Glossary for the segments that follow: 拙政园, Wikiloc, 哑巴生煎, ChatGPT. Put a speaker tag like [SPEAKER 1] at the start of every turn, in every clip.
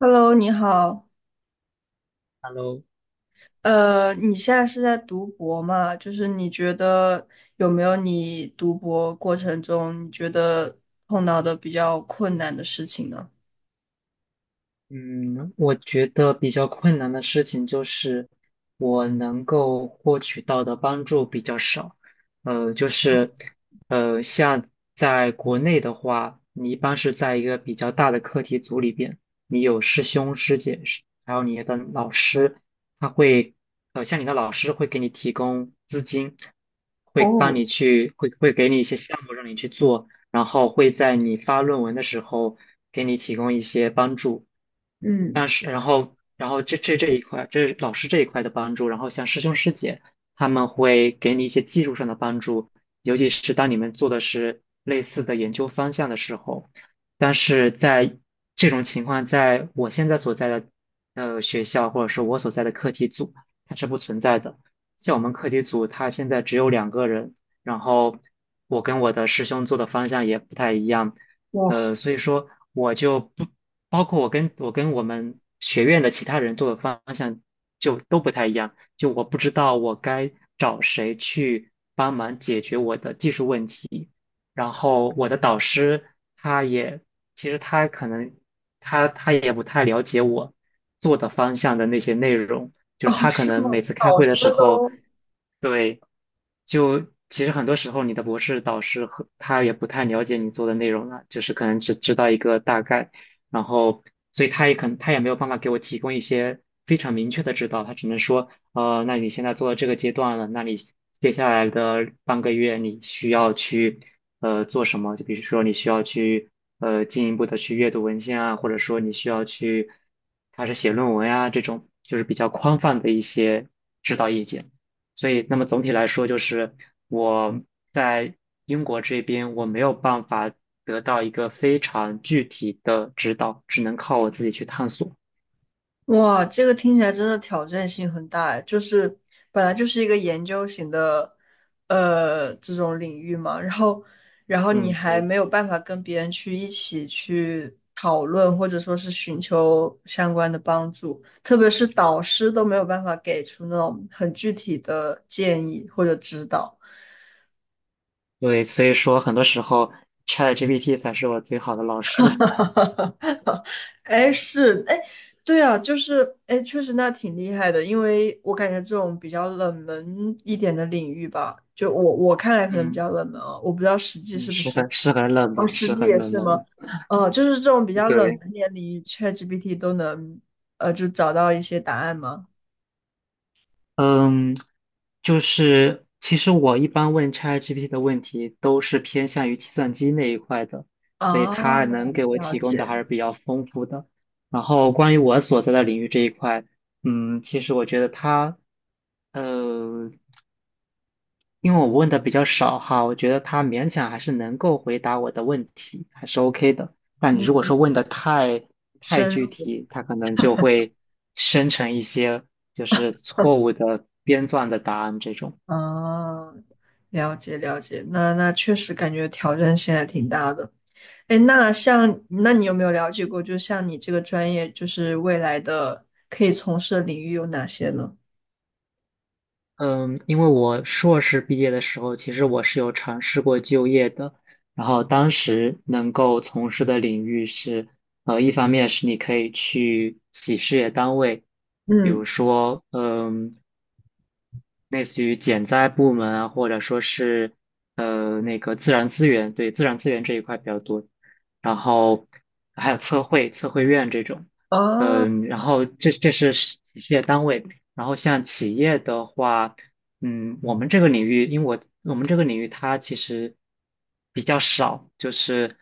[SPEAKER 1] Hello，你好。
[SPEAKER 2] Hello，
[SPEAKER 1] 你现在是在读博吗？就是你觉得有没有你读博过程中你觉得碰到的比较困难的事情呢？
[SPEAKER 2] 嗯，我觉得比较困难的事情就是我能够获取到的帮助比较少。呃，就是呃，像在国内的话，你一般是在一个比较大的课题组里边，你有师兄师姐，是还有你的老师，他会呃，像你的老师会给你提供资金，会给你一些项目让你去做，然后会在你发论文的时候给你提供一些帮助。但是然后然后这一块，这是老师这一块的帮助，然后像师兄师姐他们会给你一些技术上的帮助，尤其是当你们做的是类似的研究方向的时候。但是在这种情况，在我现在所在的学校，或者是我所在的课题组，它是不存在的。像我们课题组，它现在只有两个人，然后我跟我的师兄做的方向也不太一样，
[SPEAKER 1] 哇。
[SPEAKER 2] 所以说我就不包括我跟我们学院的其他人做的方向就都不太一样，就我不知道我该找谁去帮忙解决我的技术问题，然后我的导师他也其实他可能他他也不太了解我做的方向的那些内容，就是
[SPEAKER 1] 哦，
[SPEAKER 2] 他可
[SPEAKER 1] 是
[SPEAKER 2] 能
[SPEAKER 1] 吗？
[SPEAKER 2] 每次开
[SPEAKER 1] 导
[SPEAKER 2] 会的时
[SPEAKER 1] 师
[SPEAKER 2] 候，
[SPEAKER 1] 都
[SPEAKER 2] 对，就其实很多时候你的博士导师和他也不太了解你做的内容了，就是可能只知道一个大概，然后所以他也没有办法给我提供一些非常明确的指导，他只能说。那你现在做到这个阶段了，那你接下来的半个月你需要去做什么？就比如说你需要去进一步的去阅读文献啊，或者说你需要去开始写论文呀，这种就是比较宽泛的一些指导意见。所以，那么总体来说，就是我在英国这边我没有办法得到一个非常具体的指导，只能靠我自己去探索。
[SPEAKER 1] 哇，这个听起来真的挑战性很大哎，就是本来就是一个研究型的，这种领域嘛，然后，然后你
[SPEAKER 2] 嗯，
[SPEAKER 1] 还
[SPEAKER 2] 对。
[SPEAKER 1] 没有办法跟别人去一起去讨论，或者说是寻求相关的帮助，特别是导师都没有办法给出那种很具体的建议或者指导。
[SPEAKER 2] 对，所以说很多时候 ChatGPT 才是我最好的老师。
[SPEAKER 1] 哎，是，哎，对啊，就是，哎，确实那挺厉害的，因为我感觉这种比较冷门一点的领域吧，就我看来可能比
[SPEAKER 2] 嗯
[SPEAKER 1] 较冷门啊，我不知道实际
[SPEAKER 2] 嗯，
[SPEAKER 1] 是不
[SPEAKER 2] 是
[SPEAKER 1] 是。
[SPEAKER 2] 很是很冷
[SPEAKER 1] 哦，
[SPEAKER 2] 门，
[SPEAKER 1] 实
[SPEAKER 2] 是
[SPEAKER 1] 际
[SPEAKER 2] 很
[SPEAKER 1] 也
[SPEAKER 2] 冷
[SPEAKER 1] 是
[SPEAKER 2] 门
[SPEAKER 1] 吗？
[SPEAKER 2] 的。
[SPEAKER 1] 哦，就是这种比较冷
[SPEAKER 2] 对，
[SPEAKER 1] 门一点领域，ChatGPT 都能，就找到一些答案吗？
[SPEAKER 2] 嗯，就是其实我一般问 ChatGPT 的问题都是偏向于计算机那一块的，所以
[SPEAKER 1] 啊，
[SPEAKER 2] 它能给我
[SPEAKER 1] 了
[SPEAKER 2] 提供的还
[SPEAKER 1] 解。
[SPEAKER 2] 是比较丰富的。然后关于我所在的领域这一块，嗯，其实我觉得它，呃，因为我问的比较少哈，我觉得他勉强还是能够回答我的问题，还是 OK 的。但你如果说问
[SPEAKER 1] 嗯，
[SPEAKER 2] 的太
[SPEAKER 1] 深
[SPEAKER 2] 具
[SPEAKER 1] 入。
[SPEAKER 2] 体，他可能就会生成一些就是错误的编撰的答案这种。
[SPEAKER 1] 啊，了解了解，那确实感觉挑战性还挺大的。哎，那像，那你有没有了解过，就像你这个专业，就是未来的可以从事的领域有哪些呢？
[SPEAKER 2] 嗯，因为我硕士毕业的时候，其实我是有尝试过就业的，然后当时能够从事的领域是，一方面是你可以去企事业单位。比
[SPEAKER 1] 嗯。
[SPEAKER 2] 如说，嗯，类似于减灾部门啊，或者说是那个自然资源，对自然资源这一块比较多，然后还有测绘院这种，
[SPEAKER 1] 哦。
[SPEAKER 2] 嗯，然后这这是事业单位，然后像企业的话，嗯，我们这个领域它其实比较少，就是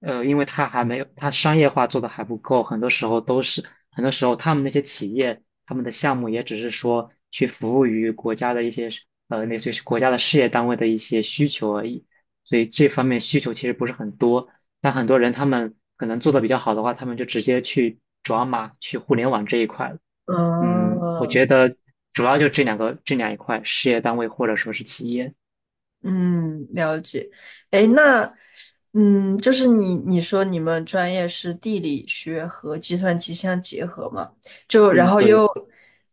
[SPEAKER 2] 呃，因为它还没有它商业化做的还不够，很多时候他们那些企业。他们的项目也只是说去服务于国家的一些类似于是国家的事业单位的一些需求而已，所以这方面需求其实不是很多。但很多人他们可能做的比较好的话，他们就直接去转码去互联网这一块了。嗯，我
[SPEAKER 1] 哦。
[SPEAKER 2] 觉得主要就这两个这两一块，事业单位或者说是企业。
[SPEAKER 1] 嗯，了解。哎，那，嗯，就是你说你们专业是地理学和计算机相结合嘛？就然
[SPEAKER 2] 嗯，
[SPEAKER 1] 后
[SPEAKER 2] 对。
[SPEAKER 1] 又，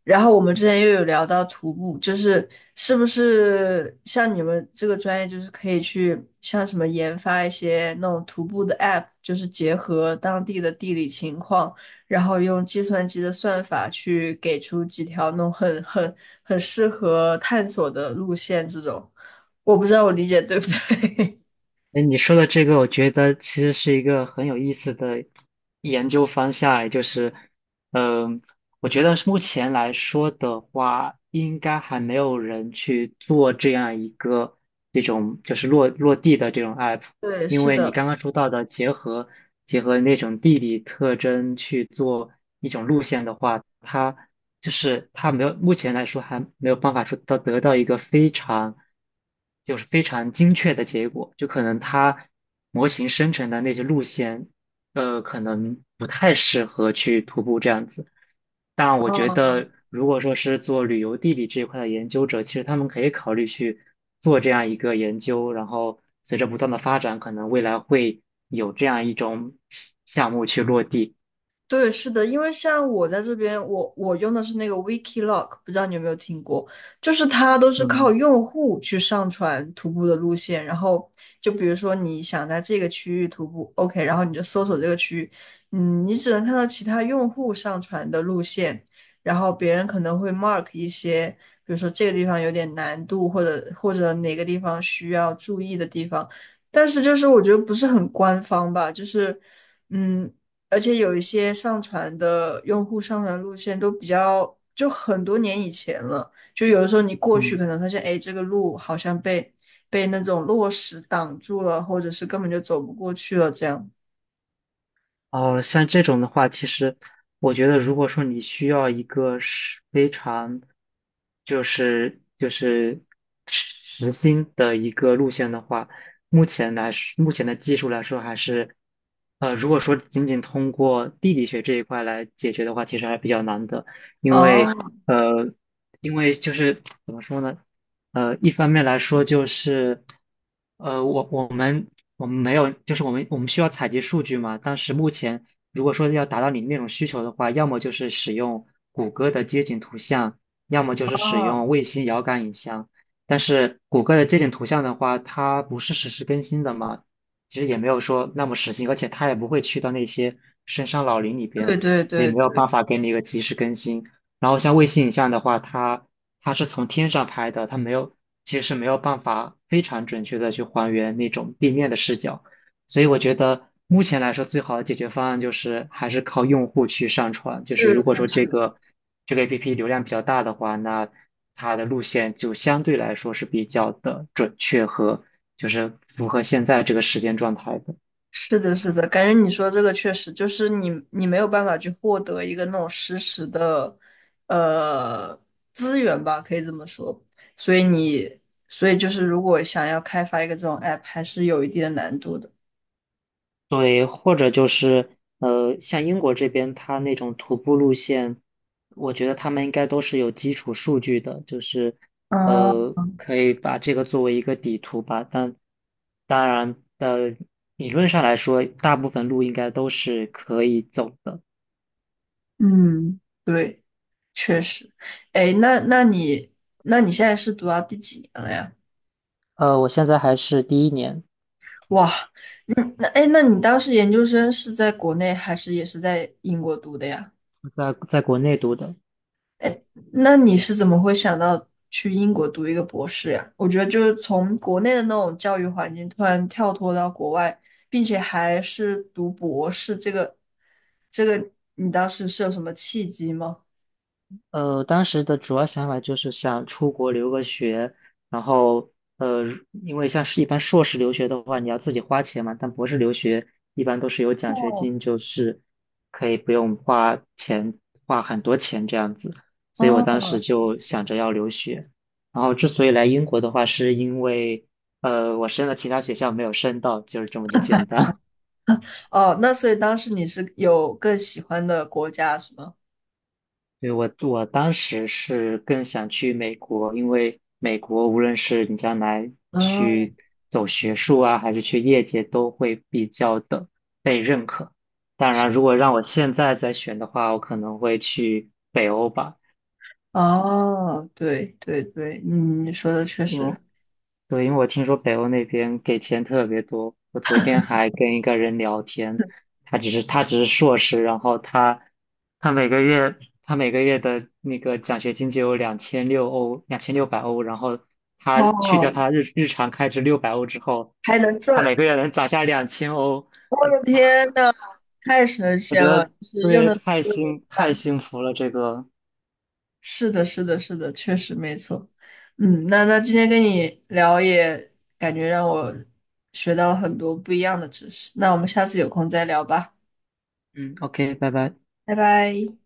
[SPEAKER 1] 然后我们之前又有聊到徒步，就是是不是像你们这个专业，就是可以去像什么研发一些那种徒步的 app，就是结合当地的地理情况，然后用计算机的算法去给出几条那种很很适合探索的路线这种。我不知道我理解对不对。
[SPEAKER 2] 哎，你说的这个，我觉得其实是一个很有意思的研究方向，也就是我觉得是目前来说的话，应该还没有人去做这样一个这种就是落地的这种 app,
[SPEAKER 1] 对，
[SPEAKER 2] 因
[SPEAKER 1] 是
[SPEAKER 2] 为你
[SPEAKER 1] 的。
[SPEAKER 2] 刚刚说到的结合那种地理特征去做一种路线的话，它就是它没有目前来说还没有办法得到一个非常就是非常精确的结果，就可能它模型生成的那些路线，可能不太适合去徒步这样子。但 我觉
[SPEAKER 1] 嗯，
[SPEAKER 2] 得，如果说是做旅游地理这一块的研究者，其实他们可以考虑去做这样一个研究，然后随着不断的发展，可能未来会有这样一种项目去落地。
[SPEAKER 1] 对，是的，因为像我在这边，我用的是那个 Wikiloc，不知道你有没有听过？就是它都是靠
[SPEAKER 2] 嗯
[SPEAKER 1] 用户去上传徒步的路线，然后就比如说你想在这个区域徒步，OK，然后你就搜索这个区域。嗯，你只能看到其他用户上传的路线，然后别人可能会 mark 一些，比如说这个地方有点难度，或者哪个地方需要注意的地方，但是就是我觉得不是很官方吧，就是。嗯，而且有一些上传的用户上传路线都比较，就很多年以前了。就有的时候你过去
[SPEAKER 2] 嗯。
[SPEAKER 1] 可能发现，哎，这个路好像被那种落石挡住了，或者是根本就走不过去了这样。
[SPEAKER 2] 哦，像这种的话，其实我觉得，如果说你需要一个是非常，就是实心的一个路线的话，目前的技术来说，还是，呃，如果说仅仅通过地理学这一块来解决的话，其实还是比较难的，因为
[SPEAKER 1] 哦，
[SPEAKER 2] 呃，因为就是怎么说呢？呃，一方面来说就是，呃,我们没有，就是我们需要采集数据嘛。但是目前如果说要达到你那种需求的话，要么就是使用谷歌的街景图像，要么就是使用卫星遥感影像。但是谷歌的街景图像的话，它不是实时更新的嘛，其实也没有说那么实心，而且它也不会去到那些深山老林里
[SPEAKER 1] 对
[SPEAKER 2] 边，
[SPEAKER 1] 对
[SPEAKER 2] 所以
[SPEAKER 1] 对
[SPEAKER 2] 没有办
[SPEAKER 1] 对，
[SPEAKER 2] 法给你一个及时更新。然后像卫星影像的话，它是从天上拍的，它没有，其实是没有办法非常准确的去还原那种地面的视角，所以我觉得目前来说最好的解决方案就是还是靠用户去上传，就是
[SPEAKER 1] 是
[SPEAKER 2] 如果
[SPEAKER 1] 是
[SPEAKER 2] 说
[SPEAKER 1] 是，
[SPEAKER 2] 这个 APP 流量比较大的话，那它的路线就相对来说是比较的，就是符合现在这个时间状态的。
[SPEAKER 1] 是的，是的，感觉你说这个确实就是你，你没有办法去获得一个那种实时的，呃，资源吧，可以这么说。所以你，所以就是如果想要开发一个这种 app，还是有一定的难度的。
[SPEAKER 2] 对，或者就是像英国这边，它那种徒步路线，我觉得他们应该都是有基础数据的，就是
[SPEAKER 1] 啊，
[SPEAKER 2] 可以把这个作为一个底图吧。但当然的，理论上来说，大部分路应该都是可以走的。
[SPEAKER 1] 嗯，对，确实。哎，那你，那你现在是读到第几年了呀？
[SPEAKER 2] 我现在还是第1年，
[SPEAKER 1] 哇。嗯，那哎，诶那你当时研究生是在国内还是也是在英国读的呀？
[SPEAKER 2] 在在国内读的。
[SPEAKER 1] 哎，那你是怎么会想到去英国读一个博士呀？我觉得就是从国内的那种教育环境突然跳脱到国外，并且还是读博士，这个你当时是有什么契机吗？
[SPEAKER 2] 当时的主要想法就是想出国留个学，然后呃，因为像是一般硕士留学的话，你要自己花钱嘛，但博士留学一般都是有奖学
[SPEAKER 1] 哦
[SPEAKER 2] 金，就是可以不用花钱，花很多钱这样子，所以我当时
[SPEAKER 1] 哦，
[SPEAKER 2] 就想着要留学。然后之所以来英国的话，是因为我申了其他学校没有申到，就是这么的简单。
[SPEAKER 1] 哦，那所以当时你是有更喜欢的国家是吗？
[SPEAKER 2] 对，我当时是更想去美国，因为美国无论是你将来
[SPEAKER 1] 哦
[SPEAKER 2] 去走学术啊，还是去业界，都会比较的被认可。当然，如果让我现在再选的话，我可能会去北欧吧。
[SPEAKER 1] 哦，对对对，嗯，你说的确
[SPEAKER 2] 因
[SPEAKER 1] 实。
[SPEAKER 2] 为。对，因为我听说北欧那边给钱特别多。我昨天还跟一个人聊天，他只是硕士，然后他每个月他每个月的那个奖学金就有2600欧，然后他去掉
[SPEAKER 1] 哦，
[SPEAKER 2] 他日常开支六百欧之后，
[SPEAKER 1] 还能
[SPEAKER 2] 他
[SPEAKER 1] 赚。
[SPEAKER 2] 每个月能攒下2000欧。
[SPEAKER 1] 我的
[SPEAKER 2] 我
[SPEAKER 1] 天呐，太神
[SPEAKER 2] 我觉
[SPEAKER 1] 仙了！
[SPEAKER 2] 得
[SPEAKER 1] 就是又
[SPEAKER 2] 对，
[SPEAKER 1] 能又能
[SPEAKER 2] 太
[SPEAKER 1] 赚。
[SPEAKER 2] 幸福了，这个。
[SPEAKER 1] 是的，是的，是的，确实没错。嗯，那今天跟你聊也感觉让我学到了很多不一样的知识。那我们下次有空再聊吧，
[SPEAKER 2] 嗯，OK,拜拜。
[SPEAKER 1] 拜拜。